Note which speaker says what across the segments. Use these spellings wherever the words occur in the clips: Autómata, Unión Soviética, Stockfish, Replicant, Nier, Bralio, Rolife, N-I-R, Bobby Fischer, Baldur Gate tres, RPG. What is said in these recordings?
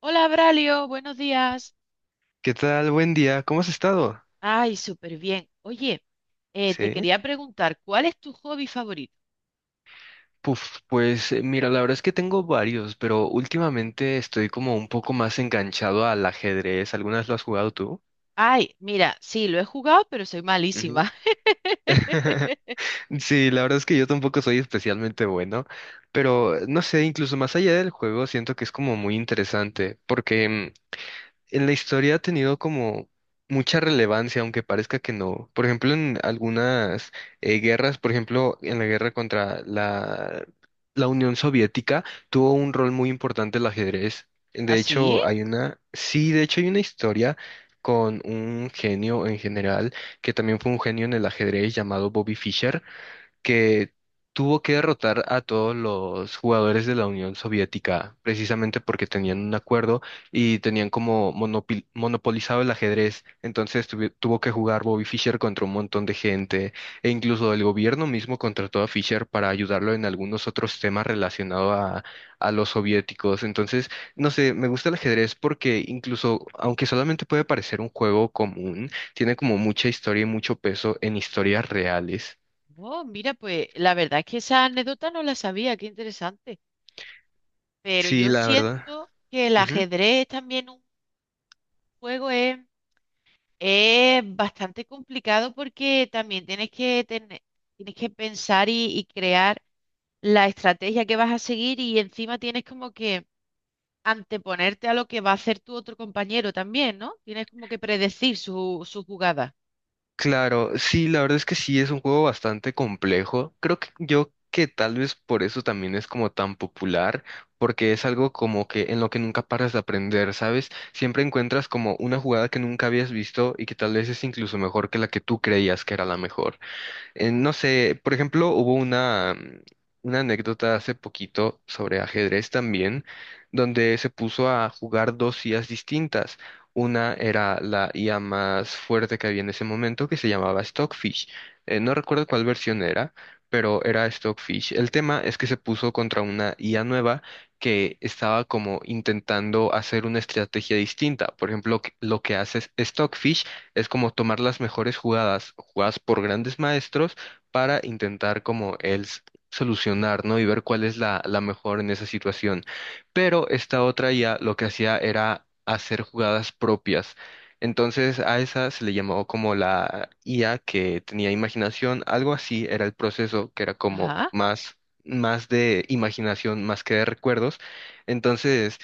Speaker 1: Hola, Bralio, buenos días.
Speaker 2: ¿Qué tal? Buen día. ¿Cómo has estado?
Speaker 1: Ay, súper bien. Oye, te
Speaker 2: Sí.
Speaker 1: quería preguntar, ¿cuál es tu hobby favorito?
Speaker 2: Puf, pues mira, la verdad es que tengo varios, pero últimamente estoy como un poco más enganchado al ajedrez. ¿Algunas lo has jugado tú?
Speaker 1: Ay, mira, sí, lo he jugado, pero soy
Speaker 2: Ujú.
Speaker 1: malísima.
Speaker 2: Sí, la verdad es que yo tampoco soy especialmente bueno, pero no sé, incluso más allá del juego, siento que es como muy interesante, porque en la historia ha tenido como mucha relevancia, aunque parezca que no. Por ejemplo, en algunas guerras, por ejemplo, en la guerra contra la Unión Soviética, tuvo un rol muy importante el ajedrez.
Speaker 1: ¿Ah,
Speaker 2: De
Speaker 1: sí?
Speaker 2: hecho, hay una, sí, de hecho hay una historia con un genio en general, que también fue un genio en el ajedrez llamado Bobby Fischer que tuvo que derrotar a todos los jugadores de la Unión Soviética, precisamente porque tenían un acuerdo y tenían como monopolizado el ajedrez. Entonces tuvo que jugar Bobby Fischer contra un montón de gente e incluso el gobierno mismo contrató a Fischer para ayudarlo en algunos otros temas relacionados a los soviéticos. Entonces, no sé, me gusta el ajedrez porque incluso, aunque solamente puede parecer un juego común, tiene como mucha historia y mucho peso en historias reales.
Speaker 1: Oh, mira, pues la verdad es que esa anécdota no la sabía, qué interesante. Pero
Speaker 2: Sí,
Speaker 1: yo
Speaker 2: la verdad.
Speaker 1: siento que el
Speaker 2: Ujú.
Speaker 1: ajedrez también un juego es bastante complicado porque también tienes que tener, tienes que pensar y crear la estrategia que vas a seguir y encima tienes como que anteponerte a lo que va a hacer tu otro compañero también, ¿no? Tienes como que predecir su jugada.
Speaker 2: Claro, sí, la verdad es que sí es un juego bastante complejo. Creo que yo que tal vez por eso también es como tan popular, porque es algo como que en lo que nunca paras de aprender, ¿sabes? Siempre encuentras como una jugada que nunca habías visto y que tal vez es incluso mejor que la que tú creías que era la mejor. No sé, por ejemplo, hubo una, una anécdota hace poquito sobre ajedrez también, donde se puso a jugar dos IAs distintas. Una era la IA más fuerte que había en ese momento, que se llamaba Stockfish. No recuerdo cuál versión era, pero era Stockfish. El tema es que se puso contra una IA nueva que estaba como intentando hacer una estrategia distinta. Por ejemplo, lo que hace Stockfish es como tomar las mejores jugadas, jugadas por grandes maestros, para intentar como solucionar, ¿no? Y ver cuál es la mejor en esa situación. Pero esta otra IA lo que hacía era hacer jugadas propias. Entonces a esa se le llamó como la IA que tenía imaginación, algo así era el proceso, que era como
Speaker 1: Ajá.
Speaker 2: más, más de imaginación, más que de recuerdos. Entonces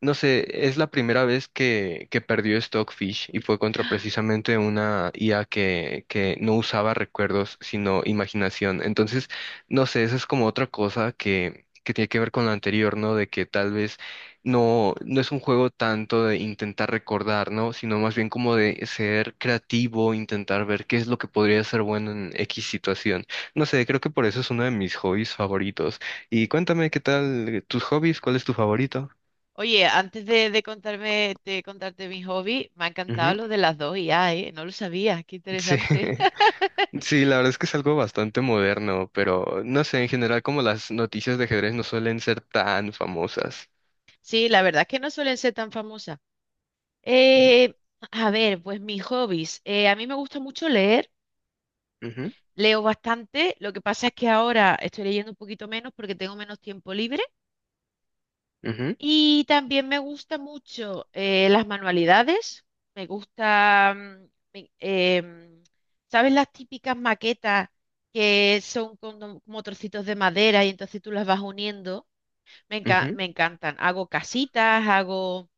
Speaker 2: no sé, es la primera vez que perdió Stockfish y fue contra precisamente una IA que no usaba recuerdos, sino imaginación. Entonces, no sé, esa es como otra cosa que tiene que ver con la anterior, ¿no? De que tal vez no es un juego tanto de intentar recordar, ¿no? Sino más bien como de ser creativo, intentar ver qué es lo que podría ser bueno en X situación. No sé, creo que por eso es uno de mis hobbies favoritos. Y cuéntame, ¿qué tal tus hobbies? ¿Cuál es tu favorito?
Speaker 1: Oye, antes de contarme, de contarte mi hobby, me ha encantado lo de las dos IA, ¿eh? No lo sabía, qué
Speaker 2: Sí,
Speaker 1: interesante.
Speaker 2: sí, la verdad es que es algo bastante moderno, pero no sé, en general como las noticias de ajedrez no suelen ser tan famosas.
Speaker 1: Sí, la verdad es que no suelen ser tan famosas.
Speaker 2: Ujú,
Speaker 1: Eh, a ver, pues mis hobbies. A mí me gusta mucho leer,
Speaker 2: ujú,
Speaker 1: leo bastante. Lo que pasa es que ahora estoy leyendo un poquito menos porque tengo menos tiempo libre. Y también me gusta mucho las manualidades. Me gusta. Me- em, ¿Sabes las típicas maquetas que son como trocitos de madera y entonces tú las vas uniendo?
Speaker 2: ujú,
Speaker 1: Me
Speaker 2: ujú.
Speaker 1: encantan. Hago casitas.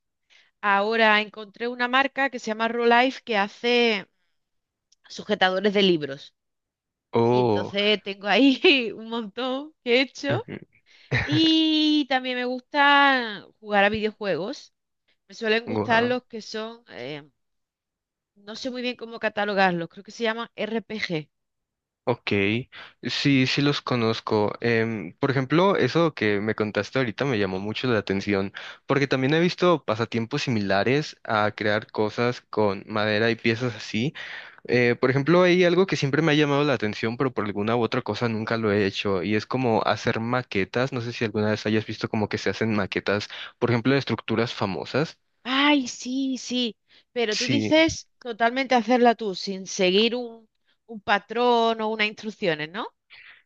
Speaker 1: Ahora encontré una marca que se llama Rolife que hace sujetadores de libros. Y
Speaker 2: Oh,
Speaker 1: entonces tengo ahí un montón que he hecho.
Speaker 2: ujú.
Speaker 1: Y también me gusta jugar a videojuegos. Me suelen gustar
Speaker 2: Wow.
Speaker 1: los que son, no sé muy bien cómo catalogarlos, creo que se llaman RPG.
Speaker 2: Ok, sí, sí los conozco. Por ejemplo, eso que me contaste ahorita me llamó mucho la atención, porque también he visto pasatiempos similares a crear cosas con madera y piezas así. Por ejemplo, hay algo que siempre me ha llamado la atención, pero por alguna u otra cosa nunca lo he hecho, y es como hacer maquetas. No sé si alguna vez hayas visto como que se hacen maquetas, por ejemplo, de estructuras famosas.
Speaker 1: Ay, sí, sí, pero tú
Speaker 2: Sí.
Speaker 1: dices totalmente hacerla tú, sin seguir un patrón o unas instrucciones, ¿no?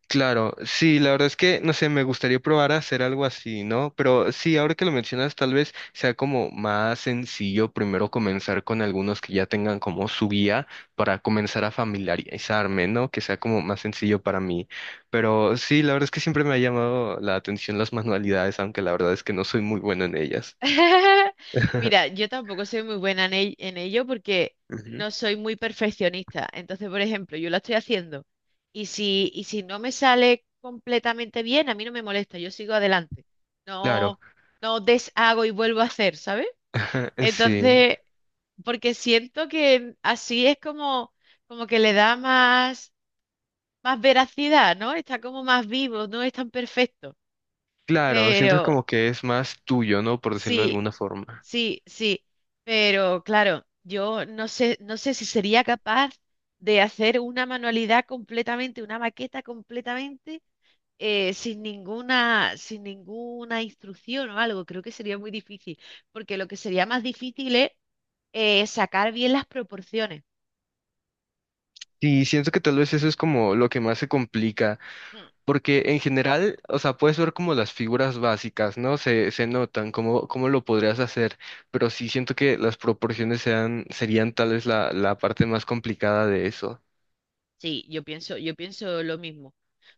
Speaker 2: Claro, sí, la verdad es que, no sé, me gustaría probar a hacer algo así, ¿no? Pero sí, ahora que lo mencionas, tal vez sea como más sencillo primero comenzar con algunos que ya tengan como su guía para comenzar a familiarizarme, ¿no? Que sea como más sencillo para mí. Pero sí, la verdad es que siempre me ha llamado la atención las manualidades, aunque la verdad es que no soy muy bueno en ellas.
Speaker 1: Mira, yo tampoco soy muy buena en ello porque
Speaker 2: Ujú.
Speaker 1: no soy muy perfeccionista. Entonces, por ejemplo, yo la estoy haciendo y si no me sale completamente bien, a mí no me molesta, yo sigo adelante.
Speaker 2: Claro,
Speaker 1: No, no deshago y vuelvo a hacer, ¿sabes?
Speaker 2: sí,
Speaker 1: Entonces, porque siento que así es como que le da más veracidad, ¿no? Está como más vivo, no es tan perfecto.
Speaker 2: claro, siento
Speaker 1: Pero
Speaker 2: como que es más tuyo, ¿no? Por decirlo de
Speaker 1: sí,
Speaker 2: alguna forma.
Speaker 1: sí, sí. Pero claro, yo no sé si sería capaz de hacer una manualidad completamente, una maqueta completamente, sin ninguna instrucción o algo. Creo que sería muy difícil, porque lo que sería más difícil es sacar bien las proporciones.
Speaker 2: Sí, siento que tal vez eso es como lo que más se complica,
Speaker 1: Mm,
Speaker 2: porque en general, o sea, puedes ver como las figuras básicas, ¿no? Se notan, cómo, cómo lo podrías hacer, pero sí siento que las proporciones sean, serían tal vez la parte más complicada de eso.
Speaker 1: sí, yo pienso lo mismo.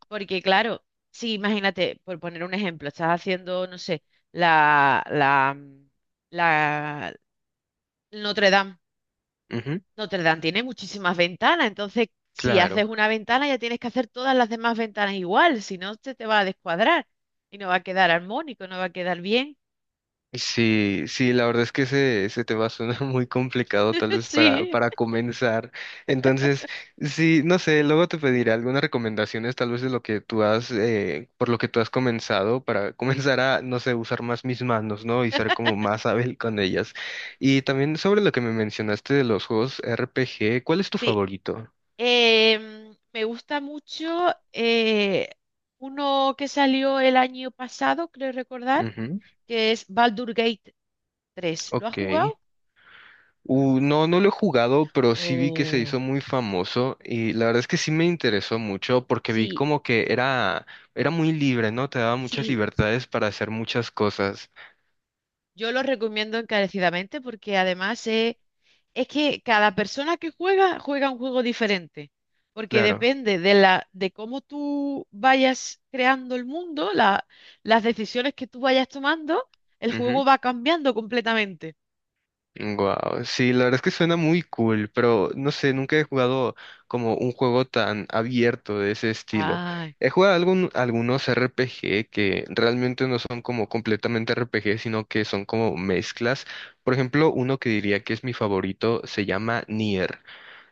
Speaker 1: Porque claro, sí, imagínate, por poner un ejemplo, estás haciendo, no sé, la, la, mm, la Notre Dame.
Speaker 2: Ujú,
Speaker 1: Notre Dame tiene muchísimas ventanas, entonces si haces
Speaker 2: claro.
Speaker 1: una ventana ya tienes que hacer todas las demás ventanas igual, si no se te va a descuadrar y no va a quedar armónico, no va a quedar bien.
Speaker 2: Sí, sí, la verdad es que ese tema suena muy complicado tal vez
Speaker 1: Sí,
Speaker 2: para comenzar. Entonces, sí, no sé, luego te pediré algunas recomendaciones tal vez de lo que tú has, por lo que tú has comenzado, para comenzar a, no sé, usar más mis manos, ¿no? Y ser como más hábil con ellas. Y también sobre lo que me mencionaste de los juegos RPG, ¿cuál es tu
Speaker 1: sí.
Speaker 2: favorito?
Speaker 1: Me gusta mucho uno que salió el año pasado, creo recordar
Speaker 2: Ujú,
Speaker 1: que es Baldur Gate 3. ¿Lo has
Speaker 2: ok.
Speaker 1: jugado?
Speaker 2: No, no lo he jugado, pero sí vi que se
Speaker 1: Oh,
Speaker 2: hizo muy famoso y la verdad es que sí me interesó mucho porque vi
Speaker 1: sí,
Speaker 2: como que era, era muy libre, ¿no? Te daba muchas
Speaker 1: sí,
Speaker 2: libertades para hacer muchas cosas.
Speaker 1: yo lo recomiendo encarecidamente porque además es que cada persona que juega juega un juego diferente, porque
Speaker 2: Claro.
Speaker 1: depende de cómo tú vayas creando el mundo, las decisiones que tú vayas tomando, el juego
Speaker 2: Ujú.
Speaker 1: va cambiando completamente.
Speaker 2: Wow, sí, la verdad es que suena muy cool, pero no sé, nunca he jugado como un juego tan abierto de ese estilo.
Speaker 1: Ay,
Speaker 2: He jugado algunos RPG que realmente no son como completamente RPG, sino que son como mezclas. Por ejemplo, uno que diría que es mi favorito se llama Nier.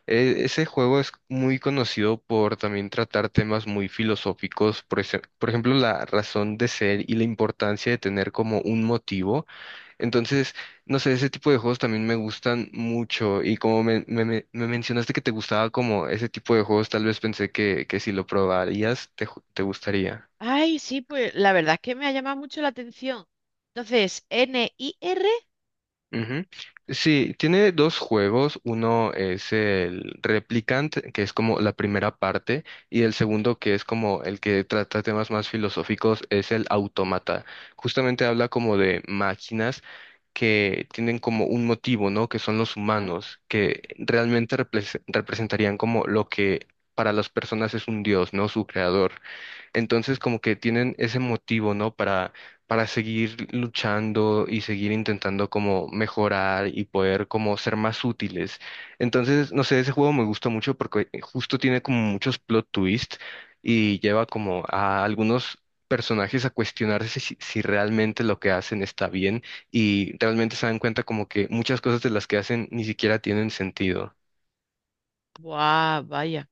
Speaker 2: Ese juego es muy conocido por también tratar temas muy filosóficos, por, por ejemplo, la razón de ser y la importancia de tener como un motivo. Entonces, no sé, ese tipo de juegos también me gustan mucho y como me mencionaste que te gustaba como ese tipo de juegos, tal vez pensé que si lo probarías te gustaría.
Speaker 1: ay, sí, pues la verdad es que me ha llamado mucho la atención. Entonces, Nier.
Speaker 2: Ujú. Sí, tiene dos juegos. Uno es el Replicant, que es como la primera parte, y el segundo, que es como el que trata temas más filosóficos, es el Autómata. Justamente habla como de máquinas que tienen como un motivo, ¿no? Que son los humanos, que realmente representarían como lo que para las personas es un dios, ¿no? Su creador. Entonces como que tienen ese motivo, ¿no? Para seguir luchando y seguir intentando como mejorar y poder como ser más útiles. Entonces, no sé, ese juego me gusta mucho porque justo tiene como muchos plot twists y lleva como a algunos personajes a cuestionarse si realmente lo que hacen está bien y realmente se dan cuenta como que muchas cosas de las que hacen ni siquiera tienen sentido.
Speaker 1: Guau, vaya.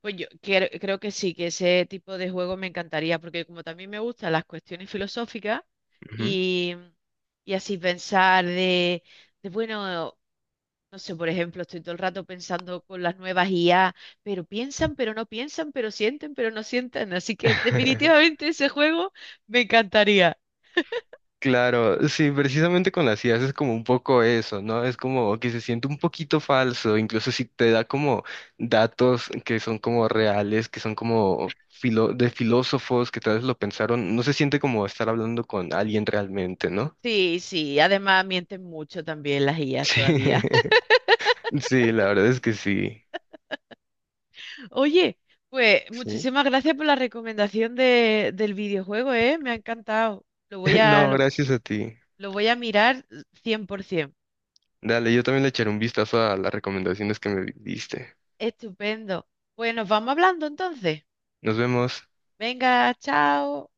Speaker 1: Pues creo que sí, que ese tipo de juego me encantaría, porque como también me gustan las cuestiones filosóficas
Speaker 2: Ujú.
Speaker 1: y, y así pensar bueno, no sé, por ejemplo, estoy todo el rato pensando con las nuevas IA, pero piensan, pero no piensan, pero sienten, pero no sienten. Así que definitivamente ese juego me encantaría.
Speaker 2: Claro, sí, precisamente con las ideas es como un poco eso, ¿no? Es como que se siente un poquito falso, incluso si te da como datos que son como reales, que son como de filósofos que tal vez lo pensaron, no se siente como estar hablando con alguien realmente, ¿no?
Speaker 1: Sí, sí, además mienten mucho también las IAs
Speaker 2: Sí,
Speaker 1: todavía.
Speaker 2: sí, la verdad es que sí,
Speaker 1: Oye, pues
Speaker 2: sí.
Speaker 1: muchísimas gracias por la recomendación del videojuego, ¿eh? Me ha encantado.
Speaker 2: No,
Speaker 1: Lo,
Speaker 2: gracias a ti.
Speaker 1: lo voy a mirar 100%.
Speaker 2: Dale, yo también le echaré un vistazo a las recomendaciones que me diste.
Speaker 1: Estupendo. Pues nos vamos hablando entonces.
Speaker 2: Nos vemos.
Speaker 1: Venga, chao.